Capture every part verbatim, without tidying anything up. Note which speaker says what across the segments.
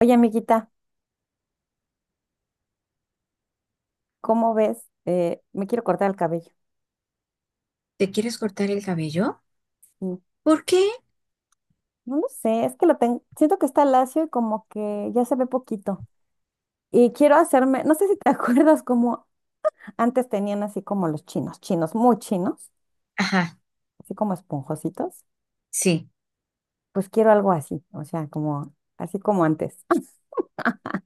Speaker 1: Oye, amiguita, ¿cómo ves? Eh, me quiero cortar el cabello.
Speaker 2: ¿Te quieres cortar el cabello?
Speaker 1: Mm.
Speaker 2: ¿Por qué?
Speaker 1: No lo sé, es que lo tengo, siento que está lacio y como que ya se ve poquito. Y quiero hacerme, no sé si te acuerdas como antes tenían así como los chinos, chinos muy chinos,
Speaker 2: Ajá,
Speaker 1: así como esponjositos.
Speaker 2: sí.
Speaker 1: Pues quiero algo así, o sea, como así como antes.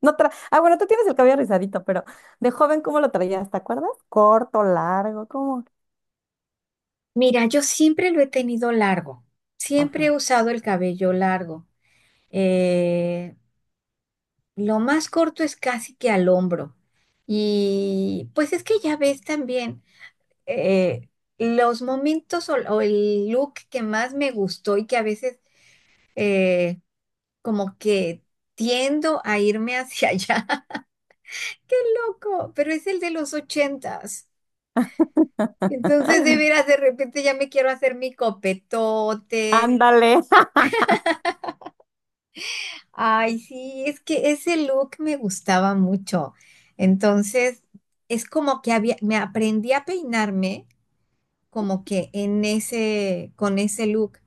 Speaker 1: No tra- ah, bueno, tú tienes el cabello rizadito, pero de joven, ¿cómo lo traías? ¿Te acuerdas? Corto, largo, ¿cómo?
Speaker 2: Mira, yo siempre lo he tenido largo. Siempre
Speaker 1: Ajá.
Speaker 2: he usado el cabello largo. Eh, lo más corto es casi que al hombro. Y pues es que ya ves también eh, los momentos o, o el look que más me gustó y que a veces eh, como que tiendo a irme hacia allá. ¡Qué loco! Pero es el de los ochentas. Entonces, de veras, de repente ya me quiero hacer mi copetote.
Speaker 1: Ándale.
Speaker 2: Ay, sí, es que ese look me gustaba mucho. Entonces, es como que había, me aprendí a peinarme como que en ese, con ese look.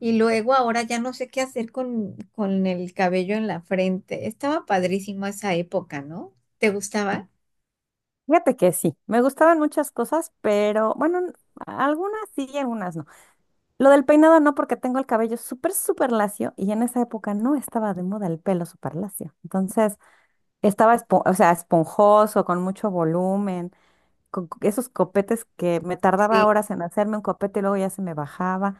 Speaker 2: Y luego ahora ya no sé qué hacer con, con el cabello en la frente. Estaba padrísimo esa época, ¿no? ¿Te gustaba?
Speaker 1: Fíjate que sí, me gustaban muchas cosas, pero bueno, n- algunas sí y algunas no. Lo del peinado no, porque tengo el cabello súper, súper lacio y en esa época no estaba de moda el pelo súper lacio. Entonces estaba, espo- o sea, esponjoso, con mucho volumen, con co- esos copetes que me tardaba
Speaker 2: Sí.
Speaker 1: horas en hacerme un copete y luego ya se me bajaba.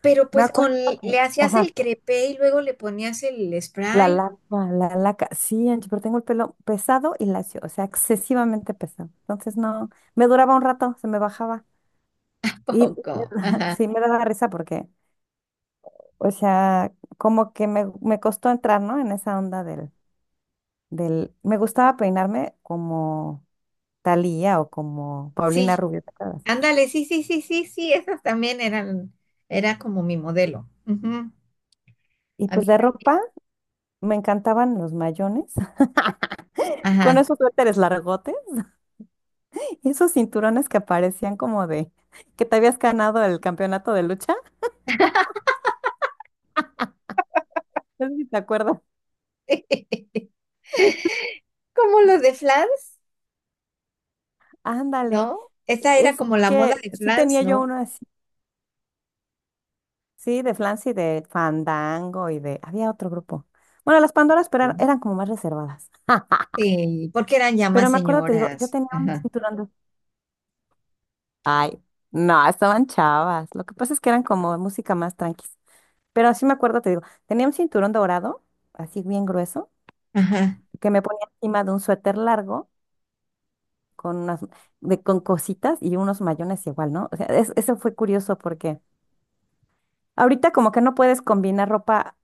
Speaker 2: Pero
Speaker 1: Me
Speaker 2: pues
Speaker 1: acuerdo
Speaker 2: con, le
Speaker 1: que,
Speaker 2: hacías
Speaker 1: ajá,
Speaker 2: el crepé y luego le ponías el
Speaker 1: la
Speaker 2: spray.
Speaker 1: laca, la laca, sí, Angie, pero tengo el pelo pesado y lacio, o sea, excesivamente pesado. Entonces no, me duraba un rato, se me bajaba. Y me
Speaker 2: Poco.
Speaker 1: da-
Speaker 2: Ajá.
Speaker 1: sí me daba risa porque, o sea, como que me, me costó entrar, ¿no? En esa onda del, del... Me gustaba peinarme como Thalía o como Paulina
Speaker 2: Sí,
Speaker 1: Rubio, ¿te acuerdas?
Speaker 2: ándale, sí, sí, sí, sí, sí, esas también eran, era como mi modelo. Ujú.
Speaker 1: Y
Speaker 2: A mí,
Speaker 1: pues de ropa me encantaban los mayones, con
Speaker 2: ajá.
Speaker 1: esos suéteres largotes y esos cinturones que parecían como de que te habías ganado el campeonato de lucha. No sé si te acuerdas.
Speaker 2: Como los de Flans,
Speaker 1: Ándale,
Speaker 2: ¿no? Esa era
Speaker 1: es
Speaker 2: como la moda
Speaker 1: que
Speaker 2: de
Speaker 1: sí
Speaker 2: Flans,
Speaker 1: tenía yo
Speaker 2: ¿no?
Speaker 1: uno así. Sí, de Flancy, de Fandango y de... Había otro grupo. Bueno, las Pandoras, pero eran,
Speaker 2: Sí.
Speaker 1: eran como más reservadas.
Speaker 2: Sí, porque eran ya más
Speaker 1: Pero me acuerdo, te digo, yo
Speaker 2: señoras.
Speaker 1: tenía un
Speaker 2: Ajá,
Speaker 1: cinturón de... Ay, no, estaban chavas. Lo que pasa es que eran como música más tranquis. Pero sí me acuerdo, te digo, tenía un cinturón dorado, así bien grueso,
Speaker 2: ajá,
Speaker 1: que me ponía encima de un suéter largo con unas, de, con cositas y unos mayones igual, ¿no? O sea, es- eso fue curioso porque ahorita como que no puedes combinar ropa,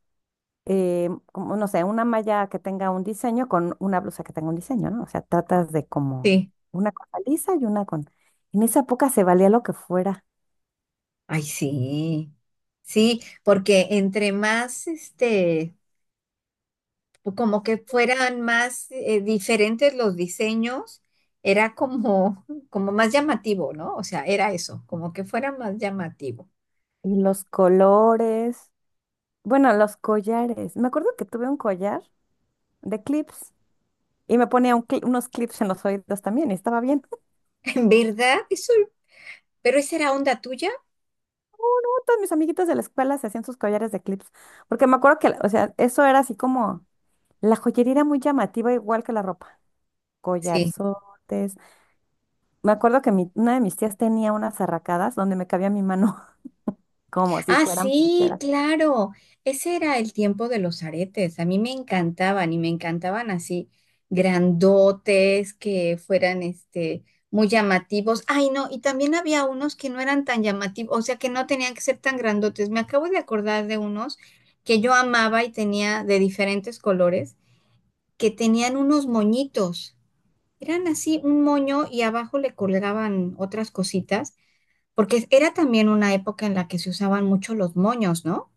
Speaker 1: eh, como no sé, una malla que tenga un diseño con una blusa que tenga un diseño, ¿no? O sea, tratas de como
Speaker 2: sí.
Speaker 1: una cosa lisa y una con... En esa época se valía lo que fuera.
Speaker 2: Ay, sí. Sí, porque entre más, este, pues, como que fueran más eh, diferentes los diseños, era como, como más llamativo, ¿no? O sea, era eso, como que fuera más llamativo.
Speaker 1: Y los colores, bueno, los collares. Me acuerdo que tuve un collar de clips y me ponía un cli- unos clips en los oídos también y estaba bien.
Speaker 2: ¿En verdad? Eso, pero esa era onda tuya.
Speaker 1: Todos mis amiguitos de la escuela se hacían sus collares de clips, porque me acuerdo que, o sea, eso era así como, la joyería era muy llamativa igual que la ropa.
Speaker 2: Sí.
Speaker 1: Collarzotes. Me acuerdo que mi- una de mis tías tenía unas arracadas donde me cabía mi mano como si
Speaker 2: Ah,
Speaker 1: fueran
Speaker 2: sí,
Speaker 1: pulseras.
Speaker 2: claro. Ese era el tiempo de los aretes. A mí me encantaban y me encantaban así grandotes que fueran este muy llamativos. Ay, no, y también había unos que no eran tan llamativos, o sea, que no tenían que ser tan grandotes. Me acabo de acordar de unos que yo amaba y tenía de diferentes colores, que tenían unos moñitos. Eran así un moño y abajo le colgaban otras cositas, porque era también una época en la que se usaban mucho los moños, ¿no?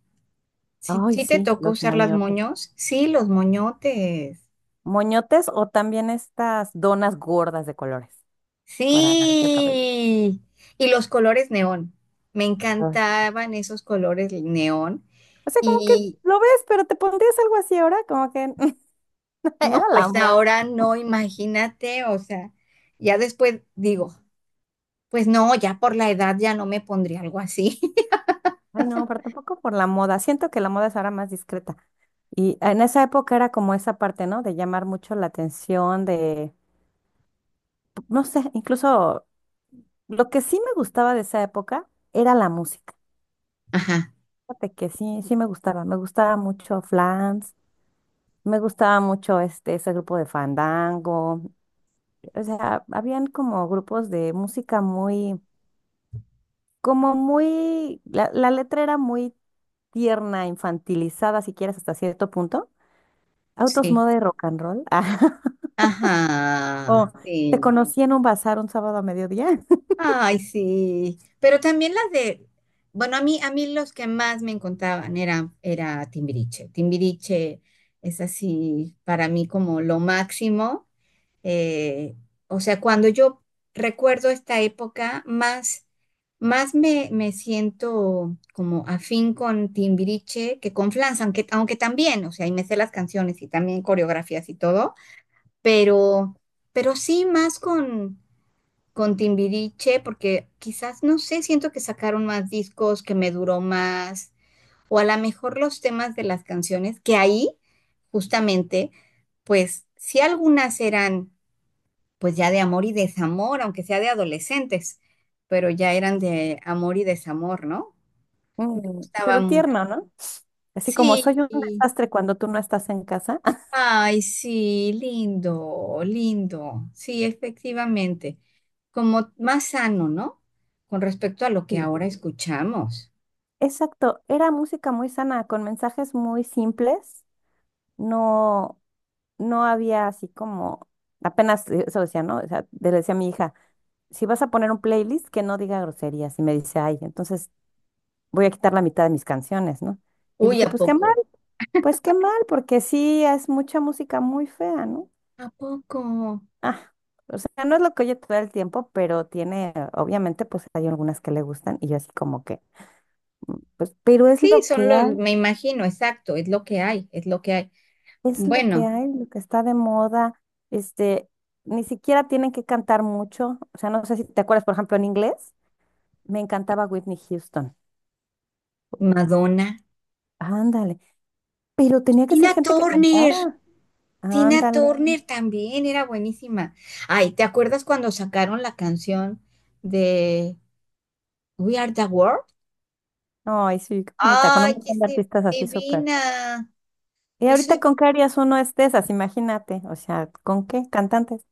Speaker 2: Sí,
Speaker 1: Ay,
Speaker 2: sí te
Speaker 1: sí,
Speaker 2: tocó
Speaker 1: los
Speaker 2: usar las
Speaker 1: moñotes.
Speaker 2: moños. Sí, los moñotes.
Speaker 1: Moñotes o también estas donas gordas de colores para agarrarse el cabello.
Speaker 2: Sí. Y los colores neón. Me
Speaker 1: Ay.
Speaker 2: encantaban esos colores neón.
Speaker 1: O sea, como que, sí,
Speaker 2: Y
Speaker 1: lo ves, pero te pondrías algo así ahora, como que era
Speaker 2: no,
Speaker 1: la
Speaker 2: pues
Speaker 1: moda.
Speaker 2: ahora no, imagínate, o sea, ya después digo, pues no, ya por la edad ya no me pondría algo así.
Speaker 1: Ay, no, pero tampoco por la moda. Siento que la moda es ahora más discreta. Y en esa época era como esa parte, ¿no? De llamar mucho la atención, de, no sé, incluso lo que sí me gustaba de esa época era la música.
Speaker 2: Ajá,
Speaker 1: Fíjate que sí, sí me gustaba, me gustaba, mucho Flans, me gustaba mucho este, ese grupo de Fandango, o sea, habían como grupos de música muy, como muy, la, la letra era muy tierna, infantilizada, si quieres, hasta cierto punto. Autos,
Speaker 2: sí.
Speaker 1: moda y rock and roll. Ah,
Speaker 2: Ajá,
Speaker 1: o te
Speaker 2: sí.
Speaker 1: conocí en un bazar un sábado a mediodía.
Speaker 2: Ay, sí. Pero también las de, bueno, a mí, a mí los que más me encantaban eran, era Timbiriche. Timbiriche es así para mí como lo máximo. Eh, o sea, cuando yo recuerdo esta época, más, más me, me siento como afín con Timbiriche que con Flans, aunque, aunque también, o sea, y me sé las canciones y también coreografías y todo, pero, pero sí más con con Timbiriche, porque quizás, no sé, siento que sacaron más discos, que me duró más, o a lo mejor los temas de las canciones, que ahí, justamente, pues sí algunas eran pues ya de amor y desamor, aunque sea de adolescentes, pero ya eran de amor y desamor, ¿no? Me
Speaker 1: Mm,
Speaker 2: gustaba
Speaker 1: pero
Speaker 2: mucho.
Speaker 1: tierno, ¿no? Así como soy
Speaker 2: Sí,
Speaker 1: un desastre cuando tú no estás en casa.
Speaker 2: ay, sí, lindo, lindo. Sí, efectivamente. Como más sano, ¿no? Con respecto a lo que ahora escuchamos.
Speaker 1: Exacto, era música muy sana, con mensajes muy simples, no, no había así como, apenas, eh, eso decía, ¿no? O sea, le decía a mi hija, si vas a poner un playlist que no diga groserías, y me dice, ay, entonces voy a quitar la mitad de mis canciones, ¿no? Y
Speaker 2: Uy,
Speaker 1: dije,
Speaker 2: ¿a
Speaker 1: pues qué mal,
Speaker 2: poco?
Speaker 1: pues qué mal, porque sí es mucha música muy fea, ¿no?
Speaker 2: ¿A poco?
Speaker 1: Ah, o sea, no es lo que oye todo el tiempo, pero tiene, obviamente, pues hay algunas que le gustan, y yo así como que, pues, pero es
Speaker 2: Sí,
Speaker 1: lo
Speaker 2: son
Speaker 1: que
Speaker 2: los,
Speaker 1: hay.
Speaker 2: me imagino, exacto, es lo que hay, es lo que hay.
Speaker 1: Es lo que
Speaker 2: Bueno,
Speaker 1: hay, lo que está de moda. Este, Ni siquiera tienen que cantar mucho. O sea, no sé si te acuerdas, por ejemplo, en inglés, me encantaba Whitney Houston.
Speaker 2: Madonna.
Speaker 1: Ándale. Pero tenía que
Speaker 2: Tina
Speaker 1: ser gente que
Speaker 2: Turner,
Speaker 1: cantara.
Speaker 2: Tina
Speaker 1: Ándale.
Speaker 2: Turner también era buenísima. Ay, ¿te acuerdas cuando sacaron la canción de We Are the World?
Speaker 1: Ay, sí, qué bonita, con un
Speaker 2: Ay, qué
Speaker 1: montón de
Speaker 2: se
Speaker 1: artistas así súper.
Speaker 2: divina.
Speaker 1: ¿Y
Speaker 2: Eso
Speaker 1: ahorita con qué harías uno es de esas? Imagínate. O sea, ¿con qué? Cantantes.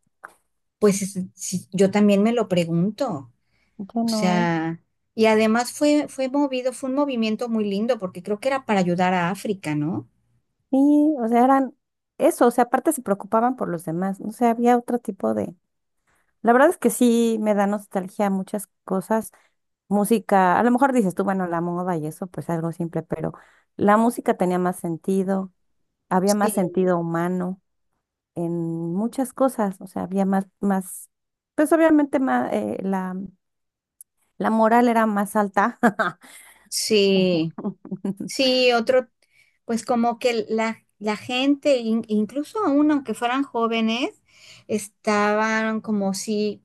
Speaker 2: pues es- sí, yo también me lo pregunto,
Speaker 1: Ya
Speaker 2: o
Speaker 1: no hay.
Speaker 2: sea, y además fue, fue movido, fue un movimiento muy lindo porque creo que era para ayudar a África, ¿no?
Speaker 1: Y, o sea, eran eso. O sea, aparte se preocupaban por los demás. No sé, había otro tipo de. La verdad es que sí me da nostalgia muchas cosas. Música, a lo mejor dices tú, bueno, la moda y eso, pues algo simple, pero la música tenía más sentido, había
Speaker 2: Sí,
Speaker 1: más sentido humano en muchas cosas, o sea, había más, más, pues obviamente más, eh, la, la moral era más alta. Ujú.
Speaker 2: sí, sí, otro, pues como que la, la gente, in- incluso aún aunque fueran jóvenes, estaban como si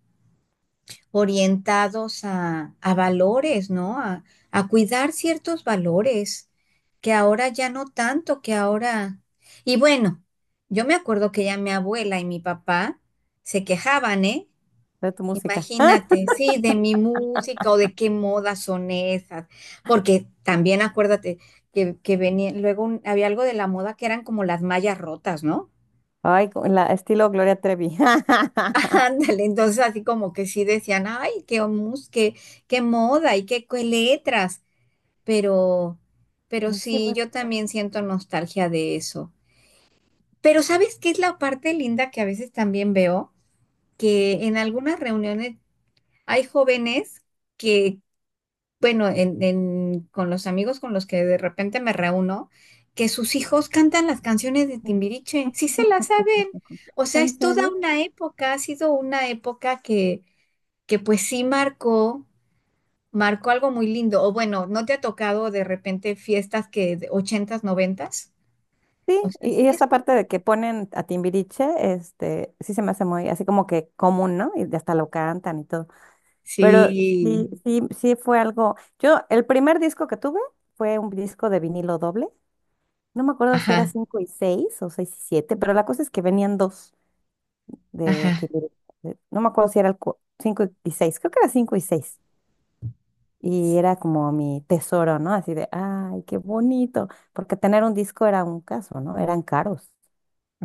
Speaker 2: orientados a, a valores, ¿no? A, a cuidar ciertos valores, que ahora ya no tanto, que ahora... Y bueno, yo me acuerdo que ya mi abuela y mi papá se quejaban, ¿eh?
Speaker 1: De tu música.
Speaker 2: Imagínate, sí, de mi música o de qué modas son esas, porque también acuérdate que, que venía, luego un- había algo de la moda que eran como las mallas rotas, ¿no?
Speaker 1: Ay, con la estilo Gloria Trevi.
Speaker 2: Ándale, entonces así como que sí decían, ay, qué mus, qué, qué moda y qué, qué letras, pero, pero
Speaker 1: Sí,
Speaker 2: sí,
Speaker 1: bueno,
Speaker 2: yo también siento nostalgia de eso. Pero ¿sabes qué es la parte linda que a veces también veo?
Speaker 1: sí.
Speaker 2: Que en algunas reuniones hay jóvenes que, bueno, en, en- con los amigos con los que de repente me reúno, que sus hijos cantan las canciones de Timbiriche, sí se las saben. O sea,
Speaker 1: ¿En
Speaker 2: es toda
Speaker 1: serio?
Speaker 2: una época, ha sido una época que que pues sí marcó, marcó algo muy lindo. O bueno, ¿no te ha tocado de repente fiestas que de ochentas, noventas? O
Speaker 1: Sí,
Speaker 2: sea, sí,
Speaker 1: y, y
Speaker 2: es
Speaker 1: esa
Speaker 2: un-
Speaker 1: parte de que ponen a Timbiriche, este, sí se me hace muy así como que común, ¿no? Y hasta lo cantan y todo. Pero
Speaker 2: sí,
Speaker 1: sí, sí, sí fue algo. Yo, el primer disco que tuve fue un disco de vinilo doble. No me acuerdo si era
Speaker 2: ajá,
Speaker 1: cinco y seis o seis y siete, pero la cosa es que venían dos de
Speaker 2: ajá.
Speaker 1: Timbiriche. de- No me acuerdo si era el cinco y seis, creo que era cinco y seis. Y era como mi tesoro, ¿no? Así de, ay, qué bonito. Porque tener un disco era un caso, ¿no? Eran caros.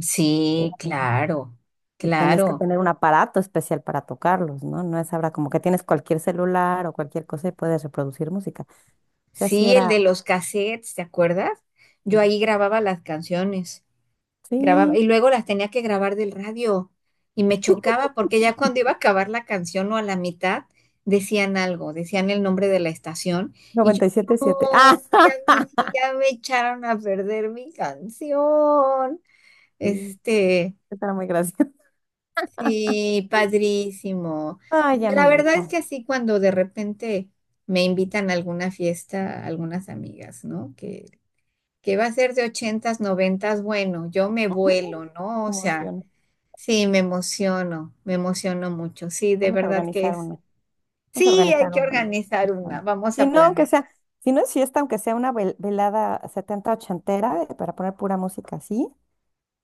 Speaker 2: Sí,
Speaker 1: Ujú.
Speaker 2: claro,
Speaker 1: Y tenías que
Speaker 2: claro.
Speaker 1: tener un aparato especial para tocarlos, ¿no? No es ahora como que tienes cualquier celular o cualquier cosa y puedes reproducir música. O sea, sí
Speaker 2: Sí, el
Speaker 1: era.
Speaker 2: de los cassettes, ¿te acuerdas? Yo ahí grababa las canciones. Grababa,
Speaker 1: Sí,
Speaker 2: y luego las tenía que grabar del radio y me chocaba porque ya cuando iba a acabar la canción o a la mitad decían algo, decían el nombre de la estación y yo
Speaker 1: noventa y siete siete. Ah,
Speaker 2: no, ya me, ya me echaron a perder mi canción.
Speaker 1: sí,
Speaker 2: Este,
Speaker 1: estará muy gracioso.
Speaker 2: sí, padrísimo.
Speaker 1: Ay,
Speaker 2: La verdad es
Speaker 1: amiguita.
Speaker 2: que así cuando de repente me invitan a alguna fiesta, algunas amigas, ¿no? Que, que va a ser de ochentas, noventas, bueno, yo me vuelo, ¿no? O sea
Speaker 1: Emociones.
Speaker 2: sí, me emociono, me emociono mucho. Sí, de
Speaker 1: Vamos a
Speaker 2: verdad que
Speaker 1: organizar
Speaker 2: es.
Speaker 1: una. Vamos a
Speaker 2: Sí, hay
Speaker 1: organizar
Speaker 2: que
Speaker 1: una.
Speaker 2: organizar una.
Speaker 1: Bueno,
Speaker 2: Vamos
Speaker 1: si
Speaker 2: a
Speaker 1: no, aunque
Speaker 2: planear.
Speaker 1: sea, si no es fiesta, aunque sea una vel- velada setenta ochentera, eh, para poner pura música así,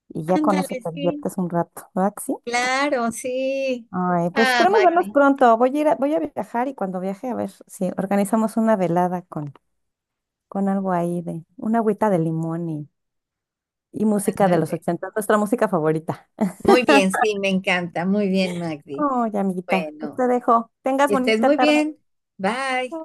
Speaker 1: y ya con eso
Speaker 2: Ándale,
Speaker 1: te
Speaker 2: sí,
Speaker 1: diviertes un rato, ¿verdad que sí?
Speaker 2: claro, sí.
Speaker 1: Ay, pues
Speaker 2: Ah,
Speaker 1: esperemos vernos
Speaker 2: Magdi,
Speaker 1: pronto. Voy a ir a- voy a viajar y cuando viaje a ver si organizamos una velada con, con, algo ahí de una agüita de limón y, y música de los
Speaker 2: ándale.
Speaker 1: ochenta, nuestra música favorita.
Speaker 2: Muy bien, sí, me encanta. Muy bien, Magdi.
Speaker 1: Oye, amiguita, pues
Speaker 2: Bueno,
Speaker 1: te dejo. Tengas
Speaker 2: que estés
Speaker 1: bonita
Speaker 2: muy
Speaker 1: tarde.
Speaker 2: bien. Bye.